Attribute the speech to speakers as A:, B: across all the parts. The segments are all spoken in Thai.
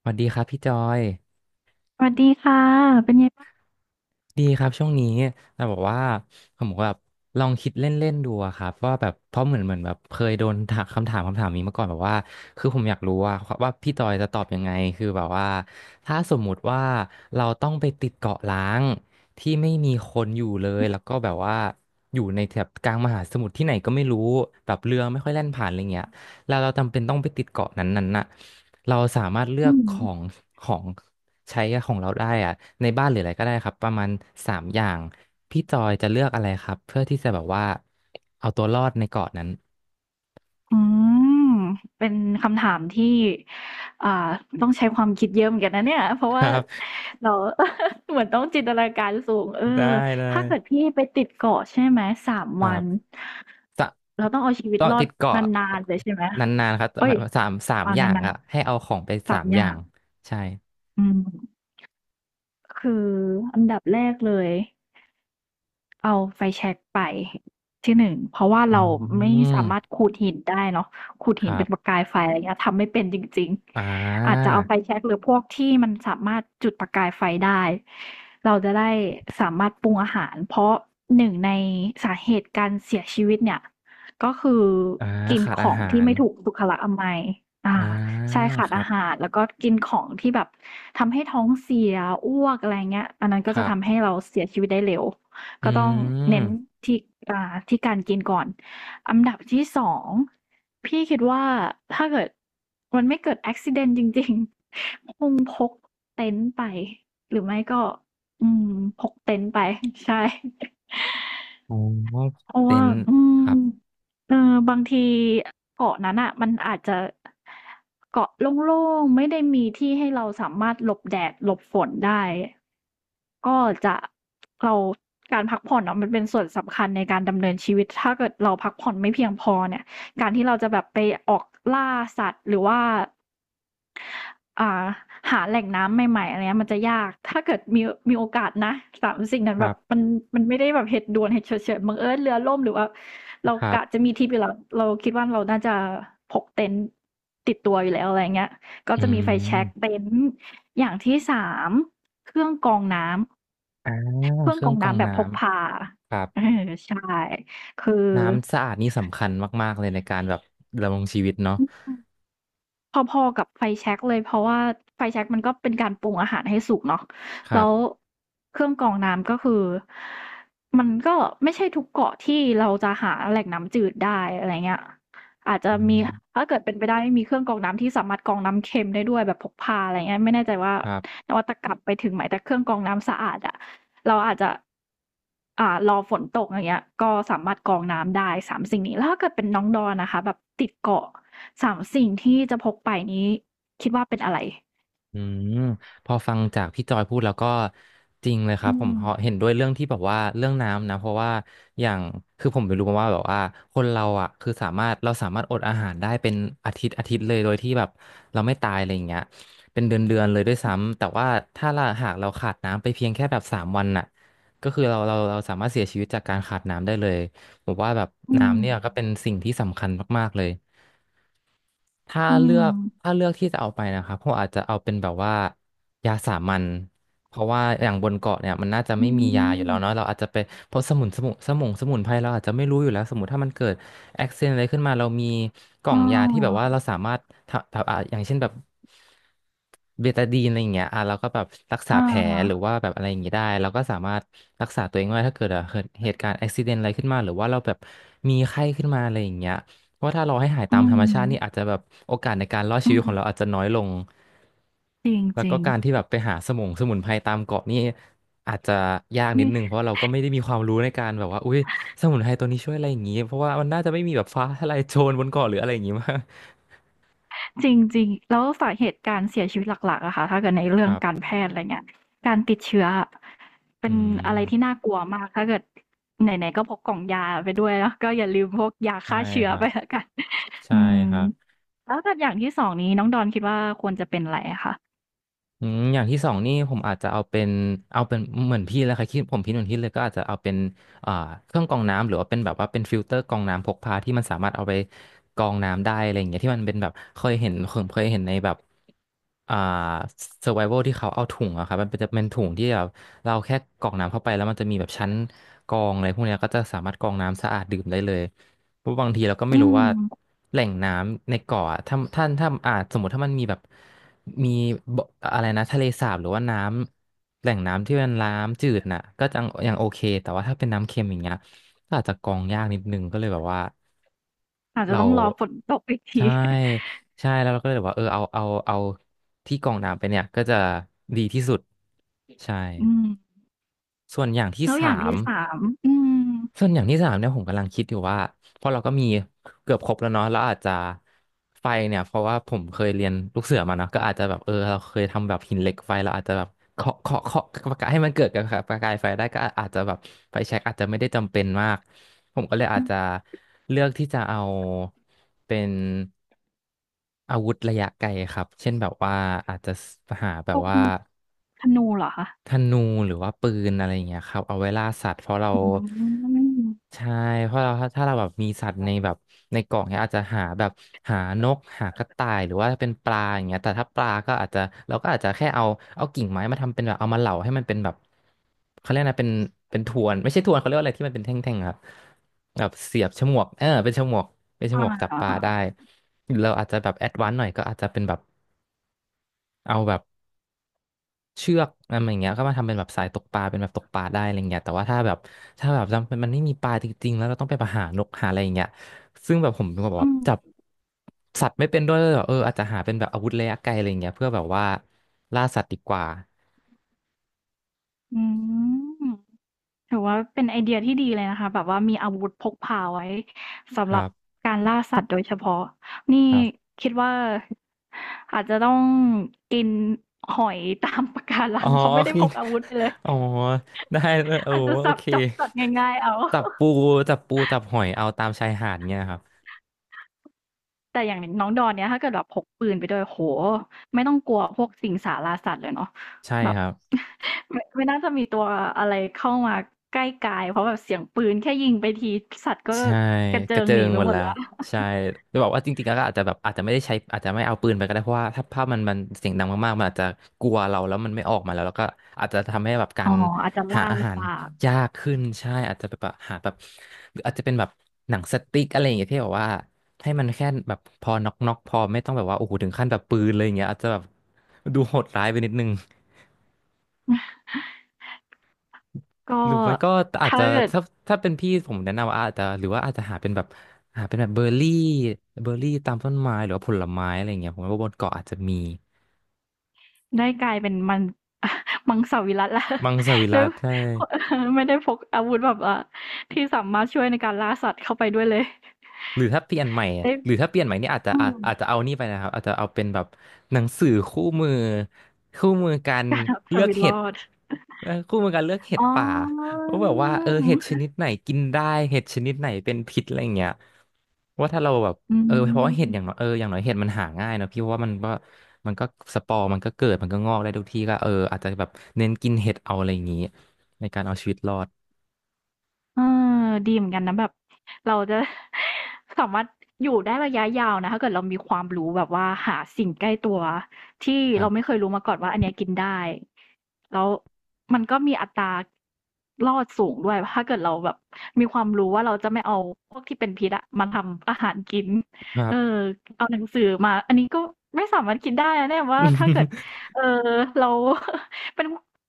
A: สวัสดีครับพี่จอย
B: สวัสดีค่ะเป็นไงบ้าง
A: ดีครับช่วงนี้แต่บอกว่าผมก็แบบลองคิดเล่นๆดูอะครับว่าแบบเพราะเหมือนแบบเคยโดนถามคำถามนี้มาก่อนแบบว่าคือผมอยากรู้ว่าพี่จอยจะตอบยังไงคือแบบว่าถ้าสมมุติว่าเราต้องไปติดเกาะล้างที่ไม่มีคนอยู่เลยแล้วก็แบบว่าอยู่ในแถบกลางมหาสมุทรที่ไหนก็ไม่รู้แบบเรือไม่ค่อยแล่นผ่านอะไรเงี้ยแล้วเราจำเป็นต้องไปติดเกาะนั้นๆน่ะเราสามารถเลือกของ
B: อ
A: ของ ใช้ของเราได้อะในบ้านหรืออะไรก็ได้ครับประมาณสามอย่างพี่จอยจะเลือกอะไรครับเพื่อที่จะแบบว่าเอาตัวรอดในเกาะนั้น
B: ืมเป็นคำถามที่อ่าต้องใช้ความคิดเยอะเหมือนกันนะเนี่ยเพราะ
A: ค
B: ว่า
A: รับ
B: เรา เหมือนต้องจินตนาการสูงเออ
A: ได้ได้
B: ถ้าเกิดพี่ไปติดเกาะใช่ไหมสาม
A: ครั
B: วั
A: บ
B: น
A: สะ
B: เราต้องเอาชีวิต
A: เก็
B: รอ
A: ติ
B: ด
A: ดเกาะ
B: นานๆเลยใช่ไหม
A: นานๆครับห
B: เอ้
A: มา
B: ย
A: ยว่าสาม
B: เอา
A: อย่าง
B: นาน
A: อะให้เอาของไป
B: ๆ
A: สา
B: สาม
A: ม
B: อ
A: อย่า
B: ย่า
A: ง
B: ง
A: ใช่
B: อืมคืออันดับแรกเลย เอาไฟแช็กไปที่หนึ่งเพราะว่า
A: อื
B: เราไม่สามารถ
A: ม
B: ขูดหินได้เนาะขูด
A: ค
B: หิน
A: รั
B: เป็นประ
A: บ
B: กายไฟอะไรเงี้ยทำไม่เป็นจริง
A: อ่
B: ๆอาจจะ
A: า
B: เอาไฟแช็กหรือพวกที่มันสามารถจุดประกายไฟได้เราจะได้สามารถปรุงอาหารเพราะหนึ่งในสาเหตุการเสียชีวิตเนี่ยก็คือ
A: อ่า
B: กิน
A: ขาด
B: ข
A: อา
B: อง
A: หา
B: ที่
A: ร
B: ไม่ถูกสุขลักษณะอมัยอ่า
A: อ่า
B: ใช่ขา
A: ค
B: ด
A: รั
B: อา
A: บ
B: หารแล้วก็กินของที่แบบทำให้ท้องเสียอ้วกอะไรเงี้ยอันนั้นก็
A: ค
B: จะ
A: รั
B: ทำ
A: บ
B: ให้เราเสียชีวิตได้เร็ว
A: อื
B: ก็ต้องเน้น
A: ม
B: ที่อ่าที่การกินก่อนอันดับที่สองพี่คิดว่าถ้าเกิดมันไม่เกิด a อ c กซิเดนต์จริงๆ คงพกเต็นท์ไปหรือไม่ก็อืมพกเต็นท์ไป ใช่
A: อ๋อ
B: เพราะ
A: เต็
B: ว่า
A: นท์
B: อืม
A: ครับ
B: เออบางทีเกาะนั้นน่ะมันอาจจะเกาะโล่งๆไม่ได้มีที่ให้เราสามารถหลบแดดหลบฝนได้ก็จะเราการพักผ่อนอะมันเป็นส่วนสำคัญในการดำเนินชีวิตถ้าเกิดเราพักผ่อนไม่เพียงพอเนี่ยการที่เราจะแบบไปออกล่าสัตว์หรือว่า อ่าหาแหล่งน้ำใหม่ๆอะไรเงี้ยมันจะยากถ้าเกิดมีโอกาสนะสามสิ่งนั้น
A: ค
B: แบ
A: รั
B: บมั
A: บ
B: นไม่ได้แบบเหตุด่วนเหตุฉุกเฉินบังเอิญเรือล่มหรือว่าเรา
A: ครั
B: กะ
A: บ
B: จะมีทริปอยู่แล้วเราคิดว่าเราน่าจะพกเต็นท์ติดตัวอยู่แล้วอะไรเงี้ยก็
A: อื
B: จะมีไฟแช็ก
A: ม
B: เต็นท์อย่างที่3เครื่องกรองน้ำ
A: อ่า
B: เครื่อ
A: เค
B: งก
A: รื่
B: ร
A: อ
B: อ
A: ง
B: ง
A: กรอง
B: น้ำแบบ
A: น้
B: พกพา
A: ำครั
B: เออ
A: บ
B: ใช่คือ
A: น้ำสะอาดนี่สำคัญมากๆเลยในการแบบดำรงชีวิตเนาะ
B: อืม พอๆกับไฟแช็กเลยเพราะว่าไฟแช็กมันก็เป็นการปรุงอาหารให้สุกเนาะ
A: ค
B: แล้
A: รั
B: ว
A: บ
B: เครื่องกรองน้ำก็คือมันก็ไม่ใช่ทุกเกาะที่เราจะหาแหล่งน้ำจืดได้อะไรเงี้ยอาจจะ
A: อื
B: มี
A: ม
B: ถ้าเกิดเป็นไปได้มีเครื่องกรองน้ำที่สามารถกรองน้ำเค็มได้ด้วยแบบพกพาอะไรเงี้ยไม่แน่ใจว่า
A: ครับ
B: นวัตกรรมไปถึงไหนแต่เครื่องกรองน้ำสะอาดอะ เราอาจจะรอฝนตกอย่างเงี้ยก็สามารถกรองน้ำได้3สิ่งนี้แล้วถ้าเกิดเป็นน้องดอนนะคะแบบติดเกาะ3สิ่งที่จะพกไปนี้คิดว่าเป็นอะไร
A: อืมพอฟังจากพี่จอยพูดแล้วก็จริงเลยค
B: อื
A: รับผม
B: ม
A: เห็นด้วยเรื่องที่แบบว่าเรื่องน้ำนะเพราะว่าอย่างคือผมไปรู้มาว่าแบบว่าคนเราอ่ะคือสามารถเราสามารถอดอาหารได้เป็นอาทิตย์เลยโดยที่แบบเราไม่ตายอะไรอย่างเงี้ยเป็นเดือนเลยด้วยซ้ำแต่ว่าถ้าเราหากเราขาดน้ำไปเพียงแค่แบบสามวันน่ะก็คือเราสามารถเสียชีวิตจากการขาดน้ำได้เลยผมว่าแบบ
B: อื
A: น้ำ
B: ม
A: เนี่ยก็เป็นสิ่งที่สำคัญมากๆเลย ถ้า
B: อื
A: เลือ
B: ม
A: กถ้าเลือกที่จะเอาไปนะครับผมอาจจะเอาเป็นแบบว่ายาสามัญเพราะว่าอย่างบนเกาะเนี่ยมันน่าจะ
B: อื
A: ไม่มียาอยู่
B: ม
A: แล้วเนาะเราอาจจะไปเพราะสมุนไพรเราอาจจะไม่รู้อยู่แล้วสมมติถ้ามันเกิดแอคซิเดนอะไรขึ้นมาเรามีกล่อง
B: อา
A: ยาที่แบบว่าเราสามารถทำแบบอ่ะอย่างเช่นแบบเบตาดีนอะไรอย่างเงี้ยอ่ะเราก็แบบรักษา
B: อ
A: แผลหรือ
B: อา
A: ว่าแบบอะไรอย่างงี้ได้เราก็สามารถรักษาตัวเองได้ถ้าเกิดอ่ะเกิดเหตุการณ์แอคซิเดนอะไรขึ้นมาหรือว่าเราแบบมีไข้ขึ้นมาอะไรอย่างเงี้ย เพราะว่าถ้าเราให้หาย
B: อื
A: ตามธ
B: ม
A: รรมชาตินี่อาจจะแบบโอกาสในการรอดชี
B: อื
A: วิต
B: ม
A: ของเราอาจจะน้อยลง
B: จริง
A: แล้ว
B: จ
A: ก็
B: ริง
A: การที่แบบไปหาสมุนไพรตามเกาะนี่อาจจะยากนิ
B: นี่
A: ดนึงเพราะเราก็ไม่ได้มีความรู้ในการแบบว่าอุ้ยสมุนไพรตัวนี้ช่วยอะไรอย่างงี้เพราะว่ามันน่าจะไม่มีแบบฟ้าทะลายโจรบนเกาะหรืออะไรอย่างงี้มาก
B: จริงๆแล้วสาเหตุการเสียชีวิตหลักๆอะค่ะถ้าเกิดใน
A: ค
B: เรื่อง
A: รับ
B: การแพทย์อะไรเงี้ยการติดเชื้อ เป็
A: อื
B: นอะไรที่
A: ม
B: น่ากลัวมากถ้าเกิดไหนๆก็พกกล่องยาไปด้วยแล้วก็อย่าลืมพกยา
A: ใช่
B: ฆ่าเชื้
A: ค
B: อ
A: รั
B: ไปแล้
A: บ
B: วกัน
A: ใช่
B: อืม
A: ครับ
B: แล้วถ้าอย่างที่สองนี้น้องดอนคิดว่าควรจะเป็นอะไรอะคะ
A: อืมอย่างที่สองนี่ผมอาจจะเอาเป็นเหมือนพี่แล้วครัคิดผมคิดเหมือนพี่เลยก็อาจจะเอาเป็นอ่าเครื่องกรองน้ำหรือว่าเป็นแบบว่าเป็นฟิลเตอร์กรองน้ำพกพาที่มันสามารถเอาไปกรองน้ำได้อะไรอย่างเงี้ยที่มันเป็นแบบเคยเห็นผมเคยเห็นในแบบอ่า survival ที่เขาเอาถุงอะครับมันเป็นจะเป็นถุงที่แบบเราแค่กรอกน้ำเข้าไปแล้วมันจะมีแบบชั้นกรองอะไรพวกเนี้ยก็จะสามารถกรองน้ำสะอาดดื่มได้เลย เพราะบางทีเราก็ไม่
B: อื
A: รู้
B: ม
A: ว่าแหล่งน้ำในเกาะอะถ้าสมมติถ้ามันมีแบบมีบ่อะไรนะทะเลสาบหรือว่าน้ำแหล่งน้ำที่เป็นน้ำจืดน่ะก็ยังโอเคแต่ว่าถ้าเป็นน้ำเค็มอย่างเงี้ยก็อาจจะกรองยากนิดนึงก็เลยแบบว่า
B: อาจจะ
A: เรา
B: ต้องรอฝนตกอีกที
A: ใช่ ใช่แล้วเราก็เลยแบบว่าเออเอาที่กรองน้ำไปเนี่ยก็จะดีที่สุดใช่
B: อืม
A: ส่วนอย่างที่
B: แล้วอย่าง
A: สาม
B: ที่3อืม
A: ส่วนอย่างที่สามเนี่ยผมกำลังคิดอยู่ว่าเพราะเราก็มีเกือบครบแล้วเนาะแล้วอาจจะไฟเนี่ยเพราะว่าผมเคยเรียนลูกเสือมาเนาะก็อาจจะแบบเออเราเคยทำแบบหินเหล็กไฟเราอาจจะแบบเคาะประกายให้มันเกิดกับประกายไฟได้ก็อาจจะแบบไฟแช็กอาจจะไม่ได้จำเป็นมากผมก็เลยอา
B: อื
A: จ
B: ม
A: จะเลือกที่จะเอาเป็นอาวุธระยะไกลครับเช่นแบบว่าอาจจะหาแบ
B: พ
A: บ
B: วก
A: ว่า
B: ธนูเหรอคะ
A: ธนูหรือว่าปืนอะไรอย่างเงี้ยครับเอาไว้ล่าสัตว์เพราะเรา
B: อืม
A: ใช่เพราะเราถ้าเราแบบมีสัตว์ในแบบในกล่องเนี้ยอาจจะหาแบบหานกหากระต่ายหรือว่าเป็นปลาอย่างเงี้ยแต่ถ้าปลาก็อาจจะเราก็อาจจะแค่เอาเอากิ่งไม้มาทำเป็นแบบเอามาเหลาให้มันเป็นแบบเขาเรียกนะเป็นเป็นทวนไม่ใช่ทวนเขาเรียกว่าอะไรที่มันเป็นแท่งๆครับแบบเสียบฉมวกเป็นฉมวกเป็นฉ
B: อ
A: มวกจับปลาได้
B: า
A: หรือเราอาจจะแบบแอดวานซ์หน่อยก็อาจจะเป็นแบบเอาแบบ เชือกอะไรอย่างเงี้ยก็มาทำเป็นแบบสายตกปลาเป็นแบบตกปลาได้อะไรเงี้ยแต่ว่าถ้าแบบถ้าแบบจำมันไม่มีปลาจริงๆแล้วเราต้องไปหานกหาอะไรอย่างเงี้ยซึ่งแบบผมเป็นคนแบบ
B: อื
A: ว่า
B: ม
A: จับสัตว์ไม่เป็นด้วยแบบอาจจะหาเป็นแบบอาวุธระยะไกลอะไรเงี้ยเพื่อแบบว่าล่าสัตว์ดีกว่า
B: อืม ถือว่าเป็นไอเดียที่ดีเลยนะคะแบบว่ามีอาวุธพกพาไว้
A: ค
B: สำหรั
A: รั
B: บ
A: บ
B: การล่าสัตว์โดยเฉพาะนี่
A: ครับ
B: คิดว่าอาจจะต้องกินหอยตามปะการั
A: อ๋อ
B: งเขาไม่ ได้
A: คือ
B: พกอาวุธไปเลย
A: อ๋อได้เลยโอ้
B: อาจจะ
A: โอ
B: สับ
A: เค
B: จับสัตว์ง่ายๆเอา
A: จับปูจับหอยเอาตามชายหาดเงี้ยครับ
B: แต่อย่างน้องดอนเนี่ยถ้าเกิดแบบพกปืนไปด้วยโอ้โฮไม่ต้องกลัวพวกสิงสาราสัตว์เลยเนาะ
A: ใช่
B: แบบ
A: ครับ
B: ไม่น่าจะมีตัวอะไรเข้ามาใกล้กายเพราะแบบเสียงปืนแค่ยิงไปทีสัตว์ก็
A: ใช่
B: กระ
A: ก
B: เจิ
A: ระ
B: ง
A: เจิ
B: หนี
A: ง
B: ไป
A: หมด
B: หมด
A: แล้ว
B: แล้ว
A: ใช่จะบอกว่าจริงๆแล้วก็อาจจะแบบอาจจะไม่ได้ใช้อาจจะไม่เอาปืนไปก็ได้เพราะว่าถ้าภาพมันเสียงดังมากๆมันอาจจะกลัวเราแล้วมันไม่ออกมาแล้วแล้วก็อาจจะทำให้แบบกา
B: อ๋อ
A: ร
B: อาจจะ
A: หา
B: ล่า
A: อาหา
B: ลำ
A: ร
B: บาก
A: ยากขึ้นใช่อาจจะแบบหาแบบหรืออาจจะเป็นแบบหนังสติ๊กอะไรอย่างเงี้ยที่แบบว่าให้มันแค่แบบพอน็อกพอไม่ต้องแบบว่าโอ้โหถึงขั้นแบบปืนเลยอย่างเงี้ยอาจจะแบบดูโหดร้ายไปนิดนึง
B: ก็
A: หรือไม่ก็อาจ
B: ถ้า
A: จะ
B: เกิด
A: ถ้าเป็นพี่ผมแนะนำว่าอาจจะหรือว่าอาจจะหาเป็นแบบหาเป็นแบบเบอร์รี่เบอร์รี่ตามต้นไม้หรือว่าผลไม้อะไรอย่างเงี้ยผมว่าบนเกาะอาจจะมี
B: ได้กลายเป็นมัง มังสวิรัติแล้ว
A: มังสวิ
B: ด้
A: รั
B: วย
A: ติใช่
B: เออไม่ได้พกอาวุธแบบอ่ะที่สามารถช่วยในการล่าสัตว์เข้าไปด้วยเลย
A: หรือถ้าเปลี่ยนใหม่
B: ได้
A: หรือถ้าเปลี่ยนใหม่นี่อาจจะ
B: อืม
A: อาจจะเอานี่ไปนะครับอาจจะเอาเป็นแบบหนังสือคู่มือคู่มือการ
B: เอา
A: เลื
B: ชี
A: อก
B: วิต
A: เห็
B: ร
A: ด
B: อด
A: คู่มือการเลือกเห็ด
B: อ๋อ
A: ป่าว่าแบบว่าเห็ดชนิดไหนกินได้เห็ดชนิดไหนเป็นพิษอะไรอย่างเงี้ยว่าถ้าเราแบบ
B: อื
A: เพราะว่าเห็ดอย่างน้
B: ม
A: อยอย่างน้อยเห็ดมันหาง่ายเนอะพี่ว่ามันก็มันก็สปอร์มันก็เกิดมันก็งอกได้ทุกที่ก็อาจจะแบบเน้นกินเห็ดเอาอะไรอย่างงี้ในการเอาชีวิตรอด
B: เออดีเหมือนกันนะแบบเราจะ สามารถอยู่ได้ระยะยาวนะถ้าเกิดเรามีความรู้แบบว่าหาสิ่งใกล้ตัวที่
A: ครั
B: เราไม่
A: บ
B: เคยรู้มาก่อนว่าอันเนี้ยกินได้แล้วมันก็มีอัตรารอดสูงด้วยถ้าเกิดเราแบบมีความรู้ว่าเราจะไม่เอาพวกที่เป็นพิษอะมาทำอาหารกิน
A: ครั
B: เออ
A: บ
B: เอาหนังสือมาอันนี้ก็ไม่สามารถกินได้นะเนี่ยว่าถ้าเกิดเออเรา เป็น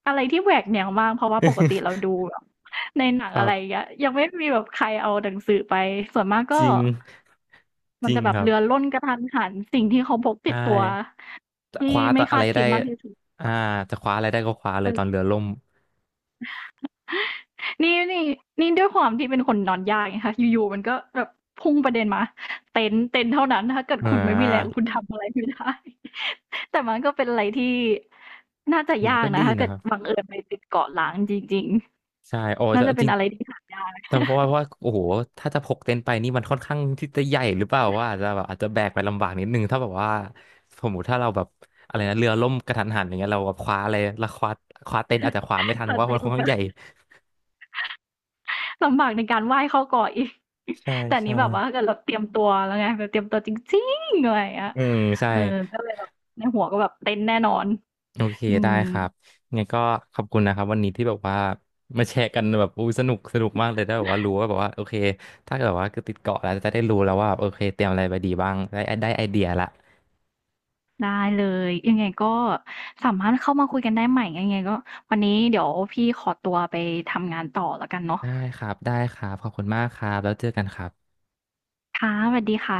B: อะไรที่แหวกแนวมากเพราะว่าปกติเรา ดู ในหนั
A: ค
B: ง
A: รั
B: อะไรอย่าง
A: บ
B: เงี้ยยังไม่มีแบบใครเอาหนังสือไปส่วนมากก็
A: จริงจ
B: มัน
A: ริง
B: จะแบบ
A: ครับ
B: เรือล่นกระทันหันสิ่งที่เขาพก
A: ใช
B: ติดตัว
A: ่จะ
B: ที่
A: คว้าต
B: ไม่
A: อนอะ
B: คา
A: ไร
B: ด
A: ได้
B: คิดมากที่สุด
A: อ่าจะคว้าอะไรได้ก็คว้าเล
B: เอ
A: ยตอนเรื
B: อ
A: อล่ม
B: นี่นี่ด้วยความที่เป็นคนนอนยากไงคะอยู่ๆมันก็แบบพุ่งประเด็นมาเต็นท์เท่านั้นถ้าเกิด
A: อ่
B: คุณไม่มีแรง
A: า
B: คุณทำอะไรไม่ได้ แต่มันก็เป็นอะไรที่น่าจะ
A: ผม
B: ยาก
A: ก็
B: นะ
A: ดี
B: ถ้า
A: นะ
B: เกิ
A: ค
B: ด
A: รั
B: บั
A: บ
B: งเอิญไปติดเกาะล้างจริง
A: ใช่โอ้
B: ๆน่า
A: แต่
B: จะเป็
A: จ
B: น
A: ริง
B: อะไรที่หายา
A: แต่
B: ก
A: เพราะว่าโอ้โหถ้าจะพกเต็นท์ไปนี่มันค่อนข้างที่จะใหญ่หรือเปล่าว่าอาจจะแบบอาจจะแบกไปลำบากนิดนึงถ้าแบบว่าสมมติถ้าเราแบบอะไรนะเรือล่มกระทันหันอย่างเงี้ยเราแบบคว้าอะไรแล้วคว้าคว้าเต็นท์อาจจะคว้าไม่ทันเพ
B: แต่
A: ราะว่า
B: เต็
A: มั
B: น
A: น
B: ท์
A: ค่อ
B: มั
A: น
B: นก
A: ข้างใหญ่
B: ็ ลำบากในการไหว้เข้าก่ออีก
A: ใช่
B: แต่อัน
A: ใช่
B: นี้แบบว่าถ้าเกิดเราเตรียมตัวแล้วไงแบบเตรียมตัวจริงๆอะไรอย่างเงี้ย
A: อืมใช่
B: เออก็เลยแบบในหัวก็แบบเต้นแน่นอน
A: โอเค
B: อื
A: ได้
B: ม
A: ครับไงก็ขอบคุณนะครับวันนี้ที่แบบว่ามาแชร์กันแบบอู้สนุกสนุกมากเลยได้แบบว่ารู้ว่าแบบว่าโอเคถ้าเกิดว่าคือติดเกาะแล้วจะได้รู้แล้วว่าแบบโอเคเตรียมอะไรไปดีบ้างได้ได้ไอเดียละ
B: ได้เลยยังไงก็สามารถเข้ามาคุยกันได้ใหม่ยังไงก็วันนี้เดี๋ยวพี่ขอตัวไปทำงานต่อแล้วกันเนาะ
A: ได้ครับได้ครับขอบคุณมากครับแล้วเจอกันครับ
B: ค่ะสวัสดีค่ะ